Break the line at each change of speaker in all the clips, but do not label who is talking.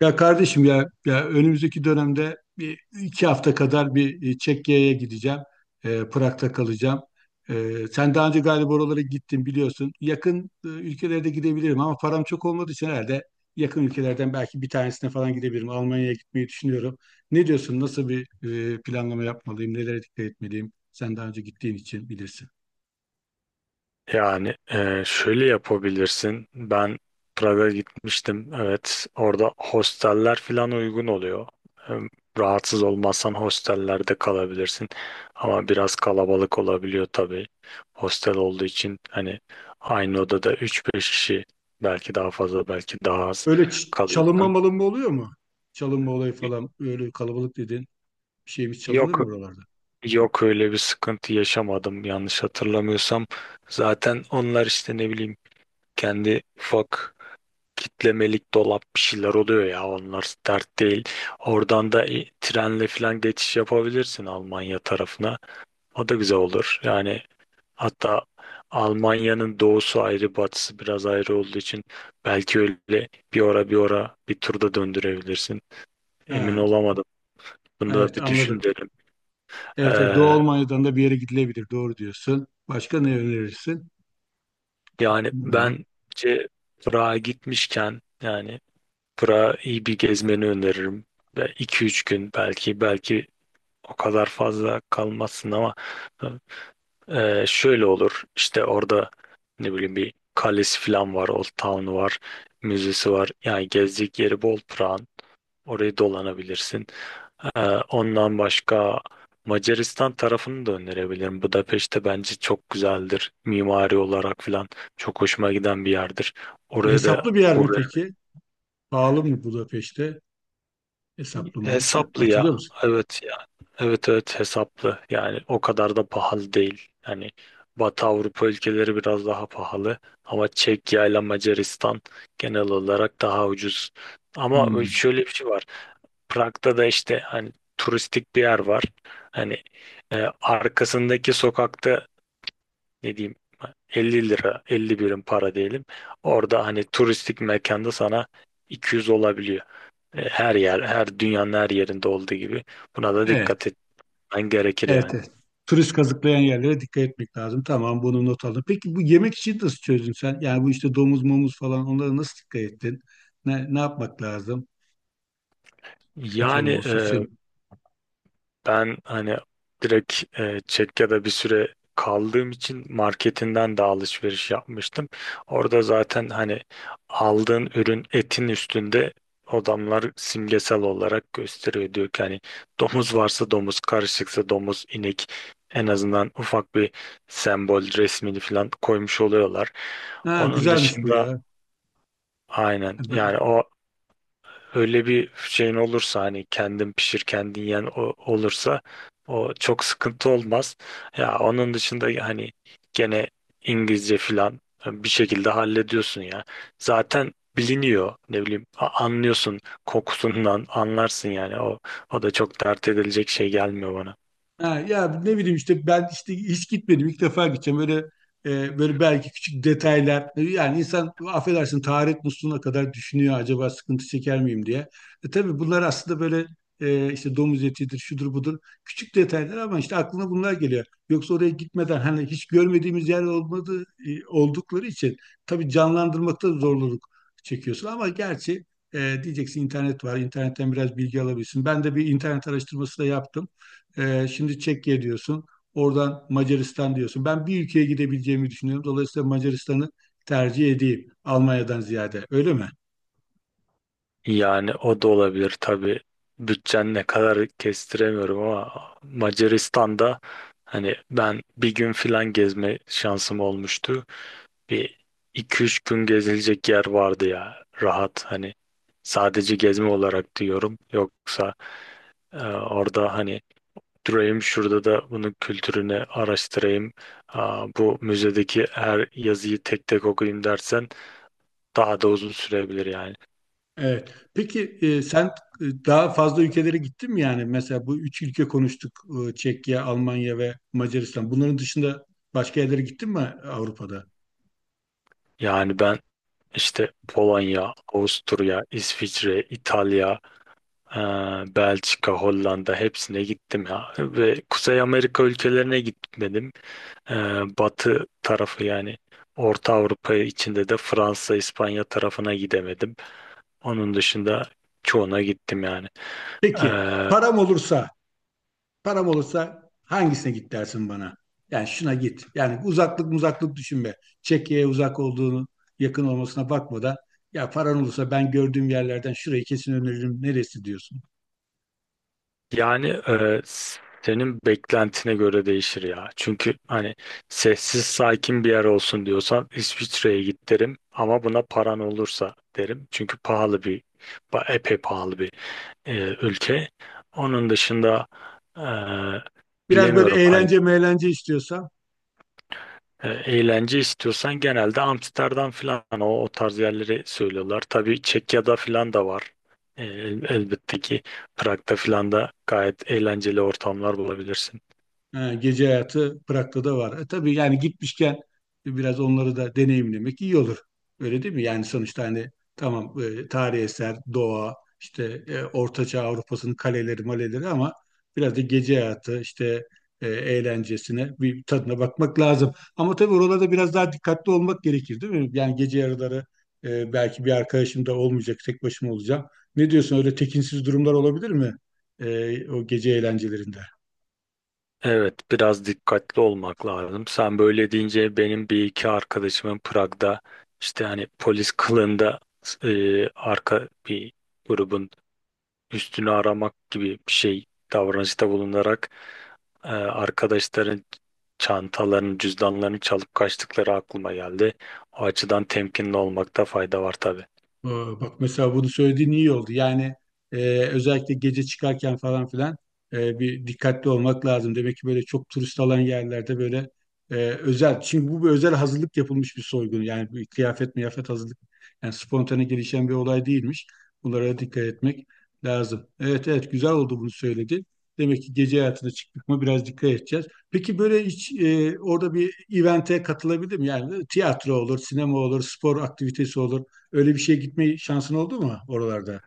Ya kardeşim ya, ya önümüzdeki dönemde bir iki hafta kadar bir Çekya'ya gideceğim. Prag'da kalacağım. Sen daha önce galiba oralara gittin biliyorsun. Yakın ülkelerde gidebilirim ama param çok olmadığı için herhalde yakın ülkelerden belki bir tanesine falan gidebilirim. Almanya'ya gitmeyi düşünüyorum. Ne diyorsun? Nasıl bir planlama yapmalıyım? Nelere dikkat etmeliyim? Sen daha önce gittiğin için bilirsin.
Şöyle yapabilirsin. Ben Prag'a gitmiştim. Evet, orada hosteller falan uygun oluyor. Hem rahatsız olmazsan hostellerde kalabilirsin. Ama biraz kalabalık olabiliyor tabii. Hostel olduğu için hani aynı odada üç beş kişi belki daha fazla belki daha az
Öyle çalınma
kalıyorsun.
malınma oluyor mu? Çalınma olayı falan. Öyle kalabalık dedin. Bir şeyimiz çalınır
Yok
mı oralarda?
yok, öyle bir sıkıntı yaşamadım yanlış hatırlamıyorsam. Zaten onlar işte ne bileyim kendi ufak kitlemelik dolap bir şeyler oluyor ya, onlar dert değil. Oradan da trenle falan geçiş yapabilirsin Almanya tarafına. O da güzel olur. Yani hatta Almanya'nın doğusu ayrı batısı biraz ayrı olduğu için belki öyle bir ora bir turda döndürebilirsin. Emin
He.
olamadım. Bunu da
Evet
bir düşün
anladım.
derim.
Evet, evet, Doğu
Ee,
Almanya'dan da bir yere gidilebilir. Doğru diyorsun. Başka ne önerirsin?
Yani
Ne var?
bence Prag'a gitmişken yani Prag'a iyi bir gezmeni öneririm. Ve iki üç gün belki o kadar fazla kalmazsın ama şöyle olur işte orada ne bileyim bir kalesi falan var, Old Town'u var, müzesi var. Yani gezecek yeri bol Prag'ın, orayı dolanabilirsin. E, Ondan başka Macaristan tarafını da önerebilirim. Budapeşte bence çok güzeldir mimari olarak falan, çok hoşuma giden bir yerdir,
E,
oraya da
hesaplı bir yer mi
uğra.
peki? Pahalı mı Budapeşte? Hesaplı mı?
Hesaplı ya.
Hatırlıyor musun?
Evet ya. Evet, hesaplı. Yani o kadar da pahalı değil. Yani Batı Avrupa ülkeleri biraz daha pahalı ama Çekya ile Macaristan genel olarak daha ucuz. Ama
Hmm.
şöyle bir şey var. Prag'da da işte hani turistik bir yer var. Hani arkasındaki sokakta ne diyeyim 50 lira, 50 birim para diyelim. Orada hani turistik mekanda sana 200 olabiliyor. Her yer, her dünyanın her yerinde olduğu gibi buna da dikkat
Evet.
etmen gerekir
Evet,
yani.
evet. Turist kazıklayan yerlere dikkat etmek lazım. Tamam bunu not aldım. Peki bu yemek için nasıl çözdün sen? Yani bu işte domuz momuz falan onlara nasıl dikkat ettin? Ne, ne yapmak lazım? Sıkıntı
Yani
olmaması
e,
için.
Ben hani direkt Çekya'da bir süre kaldığım için marketinden de alışveriş yapmıştım. Orada zaten hani aldığın ürün, etin üstünde adamlar simgesel olarak gösteriyor. Diyor ki hani domuz varsa domuz, karışıksa domuz, inek, en azından ufak bir sembol resmini falan koymuş oluyorlar.
Ha,
Onun
güzelmiş bu
dışında
ya.
aynen yani. O, öyle bir şeyin olursa hani kendin pişir kendin yen, o olursa o çok sıkıntı olmaz. Ya onun dışında hani gene İngilizce filan bir şekilde hallediyorsun ya. Zaten biliniyor, ne bileyim, anlıyorsun, kokusundan anlarsın yani. O, o da çok dert edilecek şey gelmiyor bana.
Ha, ya ne bileyim işte ben işte hiç gitmedim ilk defa gideceğim böyle böyle belki küçük detaylar yani insan affedersin taharet musluğuna kadar düşünüyor acaba sıkıntı çeker miyim diye. Tabii bunlar aslında böyle işte domuz etidir şudur budur küçük detaylar ama işte aklına bunlar geliyor. Yoksa oraya gitmeden hani hiç görmediğimiz yer olmadığı oldukları için tabii canlandırmakta zorluk çekiyorsun ama gerçi diyeceksin internet var internetten biraz bilgi alabilirsin. Ben de bir internet araştırması da yaptım. Şimdi Çekya diyorsun. Oradan Macaristan diyorsun. Ben bir ülkeye gidebileceğimi düşünüyorum. Dolayısıyla Macaristan'ı tercih edeyim Almanya'dan ziyade. Öyle mi?
Yani o da olabilir tabii. Bütçen ne kadar kestiremiyorum ama Macaristan'da hani ben bir gün filan gezme şansım olmuştu. Bir iki üç gün gezilecek yer vardı ya, rahat hani sadece gezme olarak diyorum. Yoksa orada hani durayım şurada da bunun kültürünü araştırayım, aa, bu müzedeki her yazıyı tek tek okuyayım dersen daha da uzun sürebilir yani.
Evet. Peki sen daha fazla ülkelere gittin mi yani? Mesela bu üç ülke konuştuk. Çekya, Almanya ve Macaristan. Bunların dışında başka yerlere gittin mi Avrupa'da?
Yani ben işte Polonya, Avusturya, İsviçre, İtalya, e, Belçika, Hollanda, hepsine gittim ya, ve Kuzey Amerika ülkelerine gitmedim. Ee, Batı tarafı yani Orta Avrupa içinde de Fransa, İspanya tarafına gidemedim. Onun dışında çoğuna gittim yani.
Peki
Ee,
param olursa. Param olursa hangisine git dersin bana? Yani şuna git. Yani uzaklık düşünme. Çekya'ya uzak olduğunu, yakın olmasına bakma da ya paran olursa ben gördüğüm yerlerden şurayı kesin öneririm. Neresi diyorsun?
yani e, Senin beklentine göre değişir ya. Çünkü hani sessiz sakin bir yer olsun diyorsan İsviçre'ye git derim. Ama buna paran olursa derim. Çünkü pahalı epey pahalı bir e, ülke. Onun dışında e,
Biraz böyle
bilemiyorum. Hani
eğlence meğlence istiyorsa.
Eğlence istiyorsan genelde Amsterdam falan, o, o tarz yerleri söylüyorlar. Tabii Çekya'da falan da var. Elbette ki Prag'da falan da gayet eğlenceli ortamlar bulabilirsin.
Ha, gece hayatı Prag'da da var. E, tabii yani gitmişken biraz onları da deneyimlemek iyi olur. Öyle değil mi? Yani sonuçta hani tamam tarihi eser, doğa, işte Ortaçağ Avrupa'sının kaleleri, maleleri ama biraz da gece hayatı, işte eğlencesine bir tadına bakmak lazım. Ama tabii oralarda biraz daha dikkatli olmak gerekir değil mi? Yani gece yarıları belki bir arkadaşım da olmayacak, tek başıma olacağım. Ne diyorsun öyle tekinsiz durumlar olabilir mi? O gece eğlencelerinde?
Evet, biraz dikkatli olmak lazım. Sen böyle deyince benim bir iki arkadaşımın Prag'da işte hani polis kılığında arka bir grubun üstünü aramak gibi bir şey davranışta bulunarak arkadaşların çantalarını, cüzdanlarını çalıp kaçtıkları aklıma geldi. O açıdan temkinli olmakta fayda var tabii.
Ee, Bak mesela bunu söylediğin iyi oldu. Yani özellikle gece çıkarken falan filan bir dikkatli olmak lazım. Demek ki böyle çok turist alan yerlerde böyle özel. Çünkü bu bir özel hazırlık yapılmış bir soygun. Yani bir kıyafet miyafet hazırlık. Yani spontane gelişen bir olay değilmiş. Bunlara dikkat etmek lazım. Evet evet güzel oldu bunu söyledi. Demek ki gece hayatına çıktık mı biraz dikkat edeceğiz. Peki böyle hiç orada bir event'e katılabilir miyim? Yani tiyatro olur, sinema olur, spor aktivitesi olur. Öyle bir şeye gitme şansın oldu mu oralarda?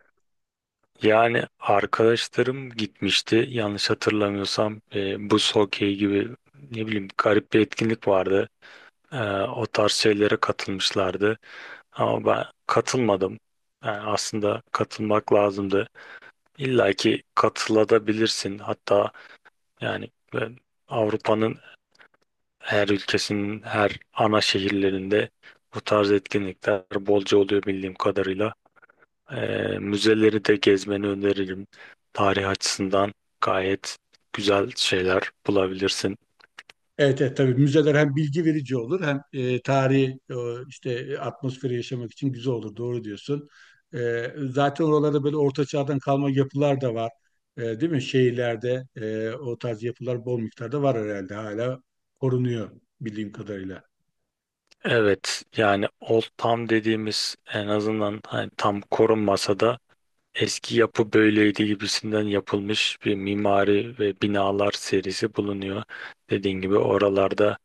Yani arkadaşlarım gitmişti. Yanlış hatırlamıyorsam buz hokeyi gibi ne bileyim garip bir etkinlik vardı. Ee, O tarz şeylere katılmışlardı. Ama ben katılmadım. Yani aslında katılmak lazımdı. İlla ki katılabilirsin. Hatta yani ben Avrupa'nın her ülkesinin her ana şehirlerinde bu tarz etkinlikler bolca oluyor bildiğim kadarıyla. Müzeleri de gezmeni öneririm. Tarih açısından gayet güzel şeyler bulabilirsin.
Evet, evet tabii müzeler hem bilgi verici olur hem tarihi işte atmosferi yaşamak için güzel olur. Doğru diyorsun. E, zaten oralarda böyle orta çağdan kalma yapılar da var. E, değil mi? Şehirlerde o tarz yapılar bol miktarda var herhalde. Hala korunuyor bildiğim kadarıyla.
Evet, yani Old Town dediğimiz, en azından hani tam korunmasa da eski yapı böyleydi gibisinden yapılmış bir mimari ve binalar serisi bulunuyor. Dediğin gibi oralarda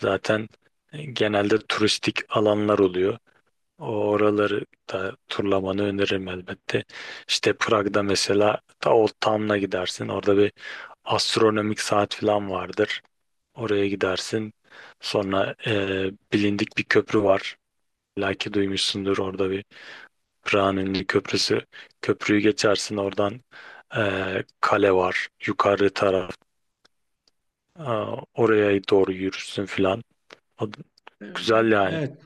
zaten genelde turistik alanlar oluyor. O oraları da turlamanı öneririm elbette. İşte Prag'da mesela ta Old Town'a gidersin. Orada bir astronomik saat falan vardır. Oraya gidersin. Sonra bilindik bir köprü var. Belki duymuşsundur, orada bir Prag'ın ünlü köprüsü. Köprüyü geçersin, oradan kale var. Yukarı taraf. Aa, oraya doğru yürürsün filan. O- Güzel yani.
Evet.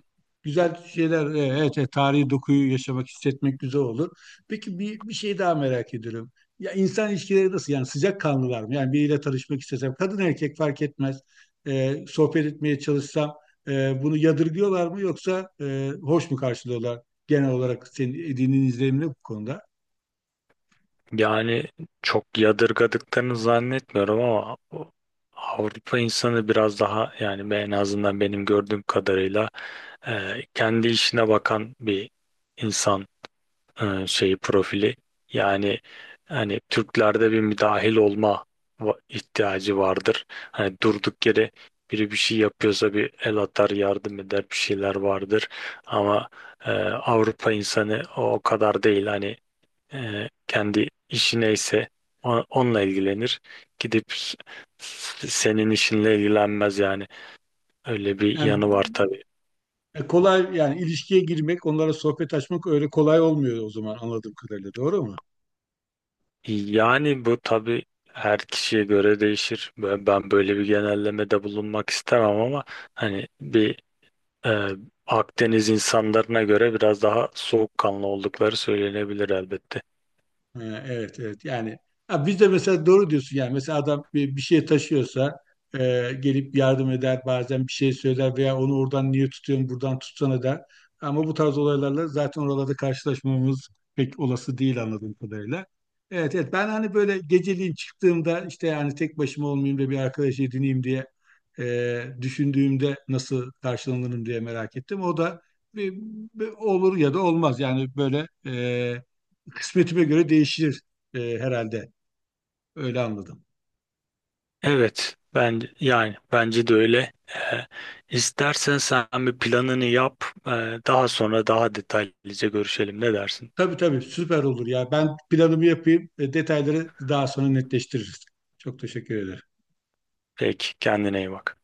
Güzel şeyler. Evet, evet, tarihi dokuyu yaşamak, hissetmek güzel olur. Peki bir şey daha merak ediyorum. Ya insan ilişkileri nasıl? Yani sıcakkanlılar mı? Yani biriyle tanışmak istesem, kadın erkek fark etmez. Sohbet etmeye çalışsam bunu yadırgıyorlar mı yoksa hoş mu karşılıyorlar genel olarak senin edindiğin izlenim ne bu konuda?
Yani çok yadırgadıklarını zannetmiyorum ama Avrupa insanı biraz daha, yani en azından benim gördüğüm kadarıyla kendi işine bakan bir insan, şeyi, profili. Yani hani Türklerde bir müdahil olma ihtiyacı vardır. Hani durduk yere biri bir şey yapıyorsa bir el atar, yardım eder, bir şeyler vardır. Ama Avrupa insanı o kadar değil. Hani kendi işi neyse onunla ilgilenir. Gidip s- Senin işinle ilgilenmez yani. Öyle bir
Yani
yanı var tabii.
kolay yani ilişkiye girmek, onlara sohbet açmak öyle kolay olmuyor o zaman anladığım kadarıyla. Doğru mu?
Yani bu tabii her kişiye göre değişir. Ben böyle bir genellemede bulunmak istemem ama hani bir e, Akdeniz insanlarına göre biraz daha soğukkanlı oldukları söylenebilir elbette.
Ha, evet evet yani ha, biz de mesela doğru diyorsun yani mesela adam bir şey taşıyorsa e, gelip yardım eder bazen bir şey söyler veya onu oradan niye tutuyorsun buradan tutsana der. Ama bu tarz olaylarla zaten oralarda karşılaşmamız pek olası değil anladığım kadarıyla. Evet evet ben hani böyle geceliğin çıktığımda işte yani tek başıma olmayayım da bir arkadaş edineyim diye düşündüğümde nasıl karşılanırım diye merak ettim. O da bir, bir olur ya da olmaz yani böyle kısmetime göre değişir herhalde. Öyle anladım.
Evet, ben yani bence de öyle. İstersen sen bir planını yap. Daha sonra daha detaylıca görüşelim. Ne dersin?
Tabii tabii süper olur ya. Ben planımı yapayım. Detayları daha sonra netleştiririz. Çok teşekkür ederim.
Peki, kendine iyi bak.